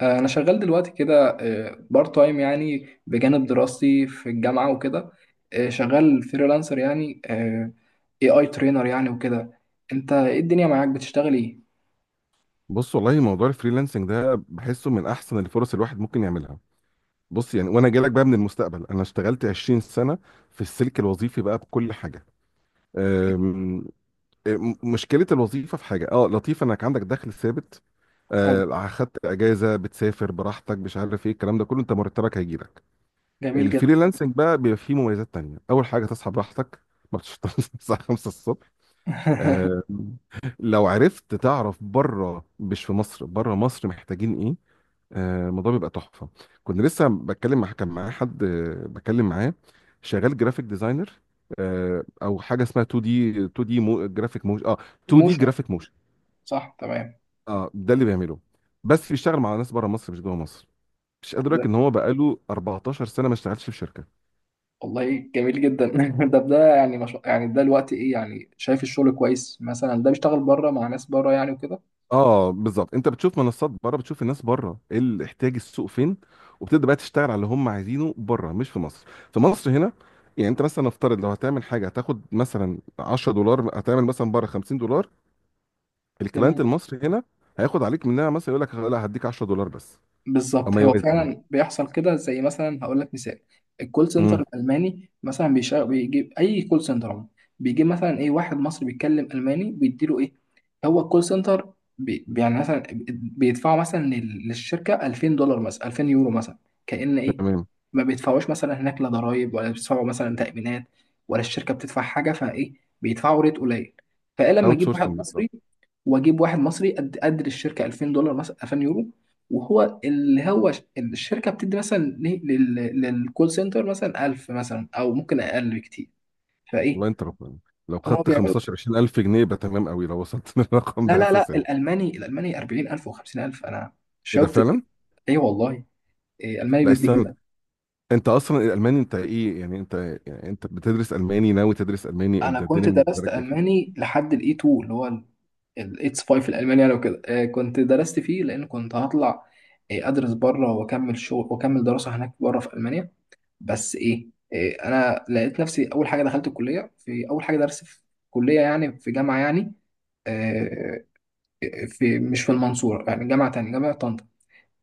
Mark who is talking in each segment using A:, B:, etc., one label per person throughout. A: انا شغال دلوقتي كده بارت تايم يعني بجانب دراستي في الجامعه وكده. شغال فريلانسر يعني اي ترينر يعني وكده. انت ايه الدنيا معاك بتشتغل ايه؟
B: بص، والله موضوع الفريلانسنج ده بحسه من احسن الفرص الواحد ممكن يعملها. بص يعني، وانا جايلك بقى من المستقبل، انا اشتغلت 20 سنه في السلك الوظيفي بقى بكل حاجه. أم، أم، مشكله الوظيفه في حاجه لطيف انك عندك دخل ثابت،
A: حلو.
B: اخدت اجازه، بتسافر براحتك، مش عارف ايه الكلام ده كله، انت مرتبك هيجيلك.
A: جميل جدا.
B: الفريلانسنج بقى بيبقى فيه مميزات تانية، اول حاجه تصحى براحتك، ما بتشتغلش الساعه 5 الصبح. آم، لو عرفت تعرف بره، مش في مصر، بره مصر محتاجين إيه؟ الموضوع بيبقى تحفه. كنت لسه بتكلم مع كان معايا حد، بتكلم معاه، شغال جرافيك ديزاينر. او حاجه اسمها 2D 2D مو جرافيك موشن 2D
A: موشن،
B: جرافيك موشن.
A: صح تمام.
B: اه، ده اللي بيعمله، بس بيشتغل مع ناس بره مصر مش جوه مصر. مش قادر
A: طب
B: أقولك
A: ده-
B: ان هو بقاله 14 سنه ما اشتغلش في شركه.
A: والله جميل جدا. ده يعني مش... يعني ده الوقت ايه، يعني شايف الشغل كويس مثلا، ده بيشتغل بره مع ناس بره يعني وكده.
B: اه بالظبط، انت بتشوف منصات بره، بتشوف الناس بره ايه اللي احتياج السوق فين، وبتبدا بقى تشتغل على اللي هم عايزينه بره مش في مصر. في مصر هنا، يعني انت مثلا نفترض لو هتعمل حاجه هتاخد مثلا 10 دولار، هتعمل مثلا بره 50 دولار. الكلاينت
A: جميل.
B: المصري هنا هياخد عليك منها، مثلا يقول لك لا هديك 10 دولار بس، او
A: بالظبط،
B: ما
A: هو
B: يوازي يعني.
A: فعلا بيحصل كده. زي مثلا هقول لك مثال: الكول سنتر
B: امم.
A: الالماني مثلا بيشغل، بيجيب اي كول سنتر عموما بيجيب مثلا ايه واحد مصري بيتكلم الماني، بيديله ايه. هو الكول سنتر بي يعني مثلا بيدفعوا مثلا للشركه 2000 دولار مثلا، 2000 يورو مثلا. كأن ايه،
B: تمام.
A: ما بيدفعوش مثلا هناك لا ضرايب ولا بيدفعوا مثلا تأمينات ولا الشركه بتدفع حاجه، فايه بيدفعوا ريت قليل. فايه لما
B: اوت
A: اجيب واحد
B: سورسنج بالظبط.
A: مصري واجيب واحد مصري قد قدر الشركه 2000 دولار مثلا، 2000 يورو، وهو اللي هو الشركه بتدي مثلا للكول سنتر مثلا 1000، مثلا او ممكن اقل بكتير،
B: الله،
A: فايه.
B: انت ربنا! لو
A: هو
B: خدت
A: بيعملوا؟
B: 15 20000 جنيه يبقى تمام قوي، لو وصلت للرقم
A: لا
B: ده
A: لا لا،
B: اساسا يعني.
A: الالماني، الالماني 40,000 و50000، انا
B: ايه ده
A: شفت.
B: فعلا!
A: ايه والله. إيه الماني
B: لا
A: بيدي كده.
B: استنى، انت اصلا الالماني، انت ايه يعني؟ انت، يعني انت بتدرس الماني، ناوي تدرس الماني؟
A: انا
B: انت الدنيا
A: كنت
B: بالنسبه
A: درست
B: لك ايه
A: الماني لحد الاي 2، اللي هو الاتس 5 الالماني يعني وكده. إيه كنت درست فيه لان كنت هطلع إيه، ادرس بره واكمل شغل واكمل دراسه هناك بره في المانيا. بس ايه، إيه انا لقيت نفسي اول حاجه دخلت الكليه. في اول حاجه درس في كليه يعني، في جامعه يعني، آه، في، مش في المنصوره يعني، جامعه تانية، جامعه طنطا.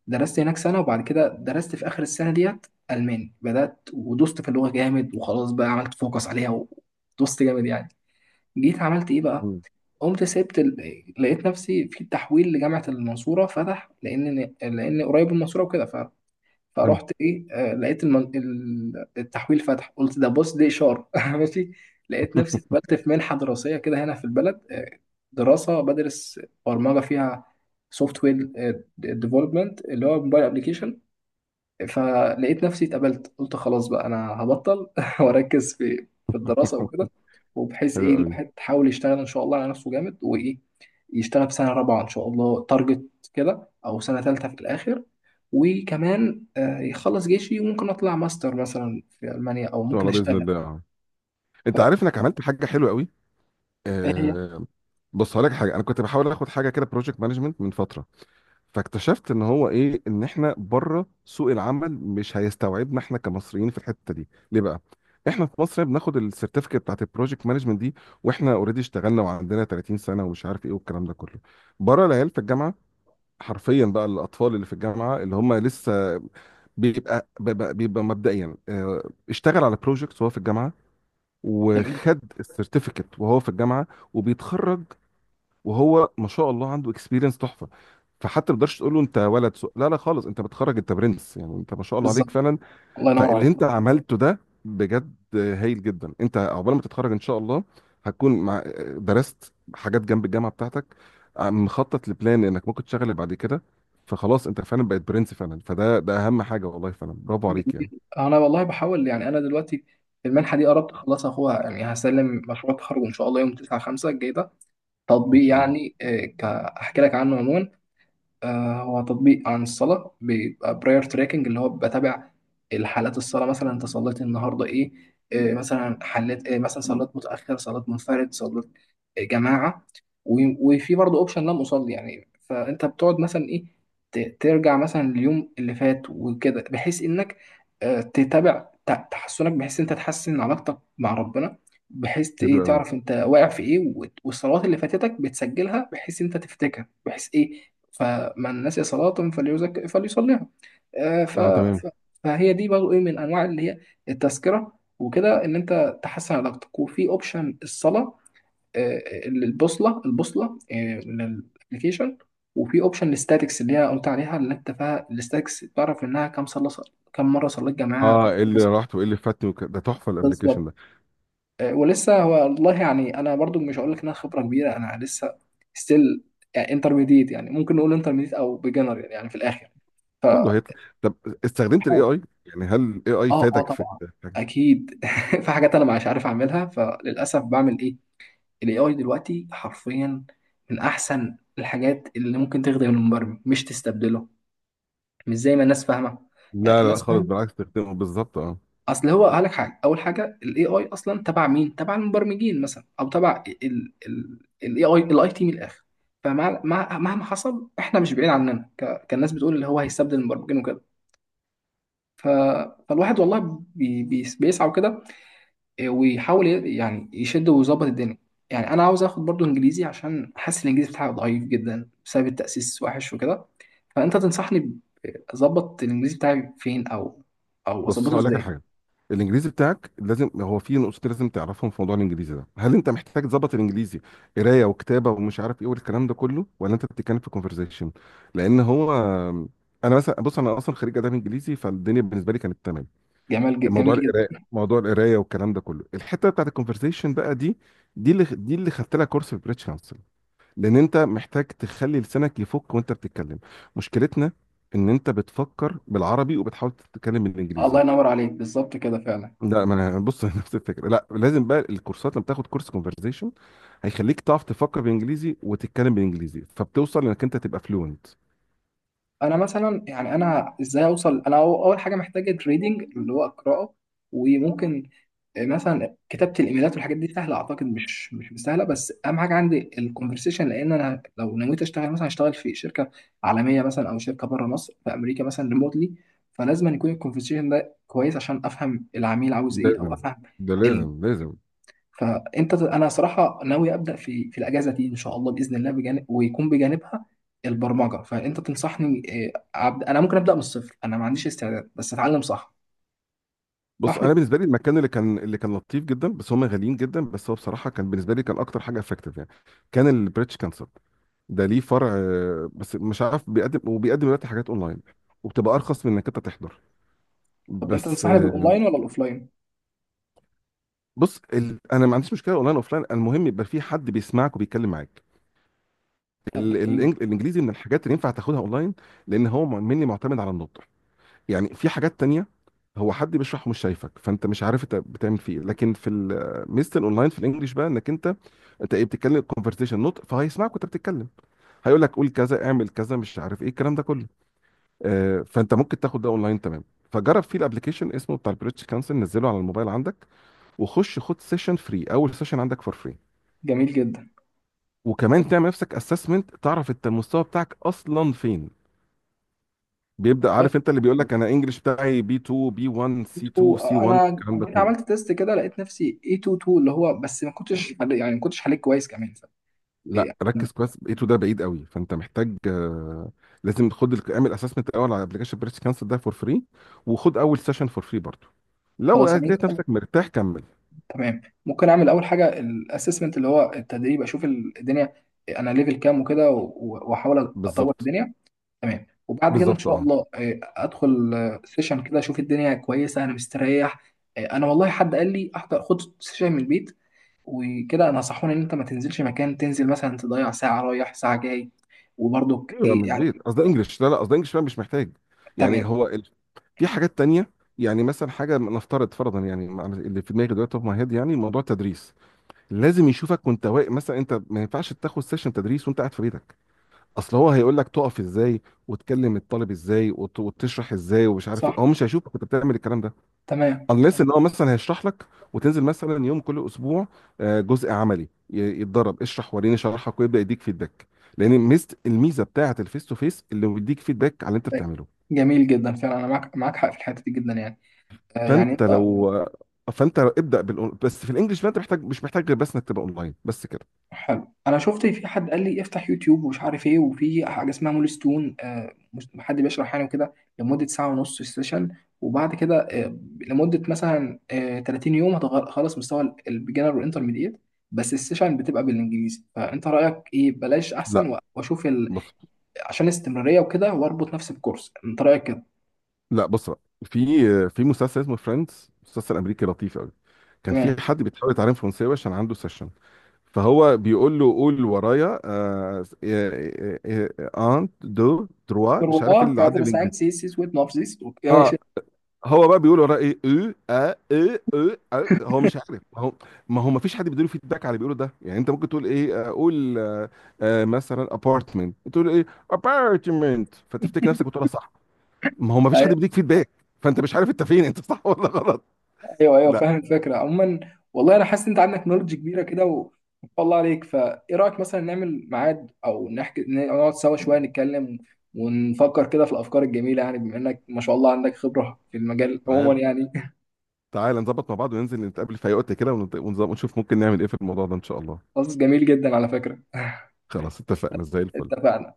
A: درست هناك سنه، وبعد كده درست في اخر السنه ديت الماني، بدات ودوست في اللغه جامد وخلاص بقى، عملت فوكس عليها ودوست جامد يعني. جيت عملت ايه بقى،
B: مم.
A: قمت سبت لقيت نفسي في تحويل لجامعه المنصوره فتح، لان قريب من المنصوره وكده.
B: حلو.
A: فرحت ايه، لقيت التحويل فتح، قلت ده بص دي اشاره. ماشي. لقيت نفسي اتقبلت في منحه دراسيه كده هنا في البلد. دراسه بدرس برمجه فيها، سوفت وير ديفلوبمنت، اللي هو موبايل ابلكيشن. فلقيت نفسي اتقبلت، قلت خلاص بقى انا هبطل واركز في الدراسه وكده، وبحيث
B: حلو
A: ايه
B: قوي. ان
A: الواحد يحاول يشتغل ان شاء الله على نفسه جامد، وايه يشتغل في سنه رابعه ان شاء الله، تارجت كده، او سنه ثالثه في الاخر. وكمان يخلص جيشي وممكن اطلع ماستر مثلا في المانيا، او
B: شاء
A: ممكن
B: الله، باذن
A: اشتغل
B: الله اه. انت عارف انك عملت حاجه حلوه قوي.
A: فهي.
B: آه. بص هقول لك حاجه، انا كنت بحاول اخد حاجه كده بروجكت مانجمنت من فتره، فاكتشفت ان هو ايه، ان احنا بره سوق العمل مش هيستوعبنا احنا كمصريين في الحته دي. ليه بقى؟ احنا في مصر بناخد السيرتيفيكت بتاعت البروجكت مانجمنت دي واحنا اوريدي اشتغلنا وعندنا 30 سنه ومش عارف ايه والكلام ده كله. بره، العيال في الجامعه، حرفيا بقى الاطفال اللي في الجامعه اللي هم لسه بيبقى مبدئيا، اشتغل على بروجكت وهو في الجامعه،
A: جميل.
B: وخد السيرتيفيكت وهو في الجامعه وبيتخرج وهو ما شاء الله عنده اكسبيرينس تحفه. فحتى ما تقدرش تقول له انت ولد سوء، لا لا خالص، انت بتخرج انت برنس، يعني انت ما شاء الله
A: بالظبط.
B: عليك فعلا.
A: الله ينور
B: فاللي
A: عليك.
B: انت عملته ده بجد هايل جدا، انت عقبال ما تتخرج ان شاء الله هتكون مع درست حاجات جنب الجامعه بتاعتك، مخطط لبلان انك ممكن تشتغل بعد كده، فخلاص انت فعلا بقيت برنس فعلا، فده اهم حاجه والله فعلا، برافو عليك يعني.
A: جميل. انا والله بحاول يعني. انا دلوقتي المنحه دي قربت اخلصها اخوها، يعني هسلم مشروع التخرج ان شاء الله يوم 9 5 الجاي ده.
B: ان
A: تطبيق
B: شاء الله.
A: يعني، احكي لك عنه عموما. هو تطبيق عن الصلاة، بيبقى براير تراكنج، اللي هو بتابع الحالات الصلاة. مثلا انت صليت النهاردة ايه، مثلا حليت إيه، مثلا صليت متأخر، صليت منفرد، صليت جماعة. وفي برضه اوبشن لم أصلي يعني. فانت بتقعد مثلا ايه، ترجع مثلا اليوم اللي فات وكده، بحيث انك تتابع تحسنك، بحيث انت تحسن علاقتك مع ربنا، بحيث
B: حلو
A: ايه
B: قوي.
A: تعرف انت واقع في ايه، والصلوات اللي فاتتك بتسجلها بحيث انت تفتكر بحيث ايه، فمن نسي صلاة فليصليها. آه، ف...
B: اه تمام.
A: ف... فهي دي برضه ايه من انواع اللي هي التذكرة وكده، ان انت تحسن علاقتك. وفي اوبشن الصلاة، البوصلة للابلكيشن. وفي اوبشن الستاتكس اللي هي قلت عليها، اللي انت فيها الستاتكس تعرف انها كم كم مرة صليت جماعة، كم
B: اه، ايه
A: مرة
B: اللي
A: صليت.
B: راحت وايه اللي فاتني ده تحفه الابلكيشن
A: بالظبط.
B: ده.
A: ولسه هو والله يعني، انا برضو مش هقول لك انها خبرة كبيرة، انا لسه ستيل يعني انترميديت. يعني ممكن نقول انترميديت او بيجنر يعني، يعني في الاخر
B: كله هيطلع. طب، استخدمت الاي
A: بحاول.
B: اي يعني، هل الاي اي
A: اه، اه
B: فادك في؟
A: طبعا اكيد. في حاجات انا مش عارف اعملها، فللاسف بعمل ايه، الاي اي دلوقتي حرفيا من احسن الحاجات اللي ممكن تخدم المبرمج، مش تستبدله، مش زي ما الناس فاهمه يعني.
B: لا لا لا
A: الناس
B: خالص،
A: فاهمه
B: بالعكس استخدمه بالظبط اه.
A: اصل هو قال لك حاجه. اول حاجه الاي اي اصلا تبع مين؟ تبع المبرمجين مثلا، او تبع الاي اي الاي تي من الاخر. مهما حصل احنا مش بعيد عننا، كالناس بتقول اللي هو هيستبدل المبرمجين وكده. ف... فالواحد والله بيسعى وكده ويحاول يعني يشد ويظبط الدنيا. يعني انا عاوز اخد برضو انجليزي عشان حاسس الانجليزي بتاعي ضعيف جدا بسبب التاسيس وحش وكده. فانت تنصحني اظبط الانجليزي بتاعي فين، او او
B: بص
A: اظبطه
B: هقول لك على
A: ازاي.
B: حاجه، الانجليزي بتاعك لازم، هو في نقطتين لازم تعرفهم في موضوع الانجليزي ده. هل انت محتاج تظبط الانجليزي قرايه وكتابه ومش عارف ايه والكلام ده كله، ولا انت بتتكلم في كونفرزيشن؟ لان هو انا مثلا، بص، انا اصلا خريج اداب انجليزي فالدنيا بالنسبه لي كانت تمام،
A: جميل
B: موضوع القرايه
A: جدا.
B: موضوع القرايه والكلام ده كله، الحته بتاعت الكونفرزيشن بقى دي، دي اللي خدت لها كورس في بريتش كونسل، لان انت محتاج تخلي لسانك يفك وانت بتتكلم. مشكلتنا ان انت بتفكر بالعربي وبتحاول تتكلم بالانجليزي.
A: الله ينور عليك، بالظبط كده فعلا.
B: لا ما انا بص، نفس الفكره، لا لازم بقى الكورسات، لما تاخد كورس كونفرزيشن هيخليك تعرف تفكر بالانجليزي وتتكلم بالانجليزي، فبتوصل انك انت تبقى فلوينت.
A: انا مثلا يعني، انا ازاي اوصل؟ انا اول حاجه محتاجه تريدنج اللي هو قراءه، وممكن مثلا كتابه الايميلات والحاجات دي سهله اعتقد، مش سهله. بس اهم حاجه عندي الكونفرسيشن، لان انا لو نويت اشتغل مثلا هشتغل في شركه عالميه مثلا، او شركه بره مصر في امريكا مثلا ريموتلي، فلازم أن يكون الكونفرسيشن ده كويس عشان افهم العميل عاوز ايه، او
B: لازم،
A: افهم.
B: ده لازم لازم.
A: فانت انا صراحه ناوي ابدا في الاجازه دي ان شاء الله باذن الله، بجانب ويكون بجانبها البرمجه. فانت تنصحني، أبدأ انا ممكن ابدا من الصفر، انا ما عنديش استعداد، بس اتعلم صح.
B: بص،
A: صحني.
B: انا بالنسبه لي المكان اللي كان لطيف جدا، بس هم غاليين جدا، بس هو بصراحه كان بالنسبه لي كان اكتر حاجه افكتيف يعني، كان البريتش كانسل. ده ليه فرع، بس مش عارف بيقدم دلوقتي حاجات اونلاين وبتبقى ارخص من انك انت تحضر،
A: طب انت
B: بس
A: تنصحني بالاونلاين ولا الاوفلاين؟
B: بص انا ما عنديش مشكله اونلاين اوفلاين، المهم يبقى في حد بيسمعك وبيتكلم معاك.
A: طب ده جميل.
B: الانجليزي من الحاجات اللي ينفع تاخدها اونلاين، لان هو مني معتمد على النطق. يعني في حاجات تانية، هو حد بيشرح ومش شايفك فانت مش عارف انت بتعمل فيه إيه. لكن في ميزه الاونلاين في الانجليش، بقى انك انت انت ايه بتتكلم كونفرسيشن نطق، فهيسمعك وانت بتتكلم، هيقول لك قول كذا اعمل كذا مش عارف ايه الكلام ده كله. فانت ممكن تاخد ده اونلاين، تمام. فجرب فيه، الابلكيشن اسمه بتاع البريتش كانسل، نزله على الموبايل عندك، وخش خد سيشن فري، اول سيشن عندك فور فري.
A: جميل جدا.
B: وكمان تعمل نفسك اسسمنت، تعرف انت المستوى بتاعك اصلا فين. بيبدأ
A: والله
B: عارف، انت اللي بيقول لك انا انجلش بتاعي B2 B1 C2
A: ايتو،
B: C1
A: انا
B: الكلام ده
A: جيت
B: كله.
A: عملت تيست كده لقيت نفسي اي 2 2 اللي هو، بس ما كنتش يعني ما كنتش حليت كويس كمان إيه،
B: لا، ركز كويس، A2 ده بعيد قوي، فانت محتاج، لازم خد اعمل اسسمنت الاول على ابلكيشن بريتش كانسر ده فور فري، وخد اول سيشن فور فري برضه، لو
A: خلاص يعني.
B: لقيت نفسك مرتاح كمل.
A: تمام. ممكن اعمل اول حاجه الاسسمنت اللي هو التدريب، اشوف الدنيا انا ليفل كام وكده، واحاول اطور
B: بالظبط.
A: الدنيا. تمام. وبعد كده ان
B: بالظبط
A: شاء
B: اه.
A: الله ادخل سيشن كده اشوف الدنيا كويسه، انا مستريح. انا والله حد قال لي احضر خد سيشن من البيت وكده. انا نصحوني ان انت ما تنزلش مكان، تنزل مثلا تضيع ساعه رايح ساعه جاي، وبرضك
B: ايوه من
A: ايه يعني.
B: البيت، قصدي انجلش، لا لا، قصدي انجلش بقى مش محتاج، يعني
A: تمام.
B: هو في حاجات تانية، يعني مثلا حاجة نفترض فرضا يعني اللي في دماغي دلوقتي، اوف ماي هيد، يعني موضوع التدريس لازم يشوفك وانت واقف مثلا، انت ما ينفعش تاخد سيشن تدريس وانت قاعد في بيتك، اصل هو هيقول لك تقف ازاي وتكلم الطالب ازاي وتشرح ازاي ومش عارف ايه،
A: صح
B: هو مش هيشوفك انت بتعمل الكلام ده
A: تمام.
B: unless ان هو مثلا هيشرح لك وتنزل مثلا يوم كل اسبوع، جزء عملي، يتدرب اشرح وريني شرحك ويبدا يديك فيدباك، لان الميزه بتاعه الفيس تو فيس اللي بيديك فيدباك على اللي انت بتعمله.
A: جميل جدا، فعلا انا معاك حق في الحته دي جدا يعني. يعني
B: فانت
A: انت.
B: لو فانت ابدا بس في الانجليش بقى انت محتاج، مش محتاج غير بس انك تبقى اونلاين، بس كده.
A: حلو. انا شفت في حد قال لي افتح يوتيوب ومش عارف ايه، وفي حاجه اسمها مول ستون، حد بيشرح يعني وكده لمده ساعه ونص في السيشن، وبعد كده لمده مثلا 30 يوم خلاص مستوى البيجنر والانترميديت. بس السيشن بتبقى بالانجليزي، فانت رايك ايه؟ بلاش احسن
B: لا
A: واشوف
B: بص
A: عشان الاستمراريه وكده واربط نفسي بكورس، انت رايك كده؟
B: لا بص بقى، في مسلسل اسمه فريندز، مسلسل امريكي لطيف قوي، كان
A: تمام
B: في حد بيحاول يتعلم فرنساوي عشان عنده سيشن، فهو بيقول له قول ورايا، ان دو تروا، مش عارف ايه
A: والله.
B: اللي عدى
A: كادر
B: بالانجليزي.
A: ساينس سيس ويت نوف سيس. ماشي.
B: اه هو بقى بيقول وراه ايه، هو مش عارف، ما هو ما فيش حد بيديله فيدباك على اللي بيقوله ده، يعني انت ممكن تقول ايه، قول آه، مثلا ابارتمنت، تقول ايه ابارتمنت، فتفتكر نفسك بتقولها صح، ما هو ما فيش حد بيديك فيدباك، فانت مش عارف انت فين، انت صح ولا غلط.
A: ايوه ايوه
B: لا،
A: فاهم الفكره عموما. والله انا حاسس ان انت عندك نولج كبيره كده ما شاء الله عليك. فايه رايك مثلا نعمل ميعاد، او نحكي نقعد سوا شويه نتكلم ونفكر كده في الافكار الجميله يعني، بما انك ما شاء الله عندك خبره في المجال
B: تعالى،
A: عموما يعني.
B: تعالى نظبط مع بعض وننزل نتقابل في اي وقت كده ونشوف ممكن نعمل ايه في الموضوع ده ان شاء الله.
A: خلاص جميل جدا، على فكره.
B: خلاص، اتفقنا زي الفل.
A: اتفقنا.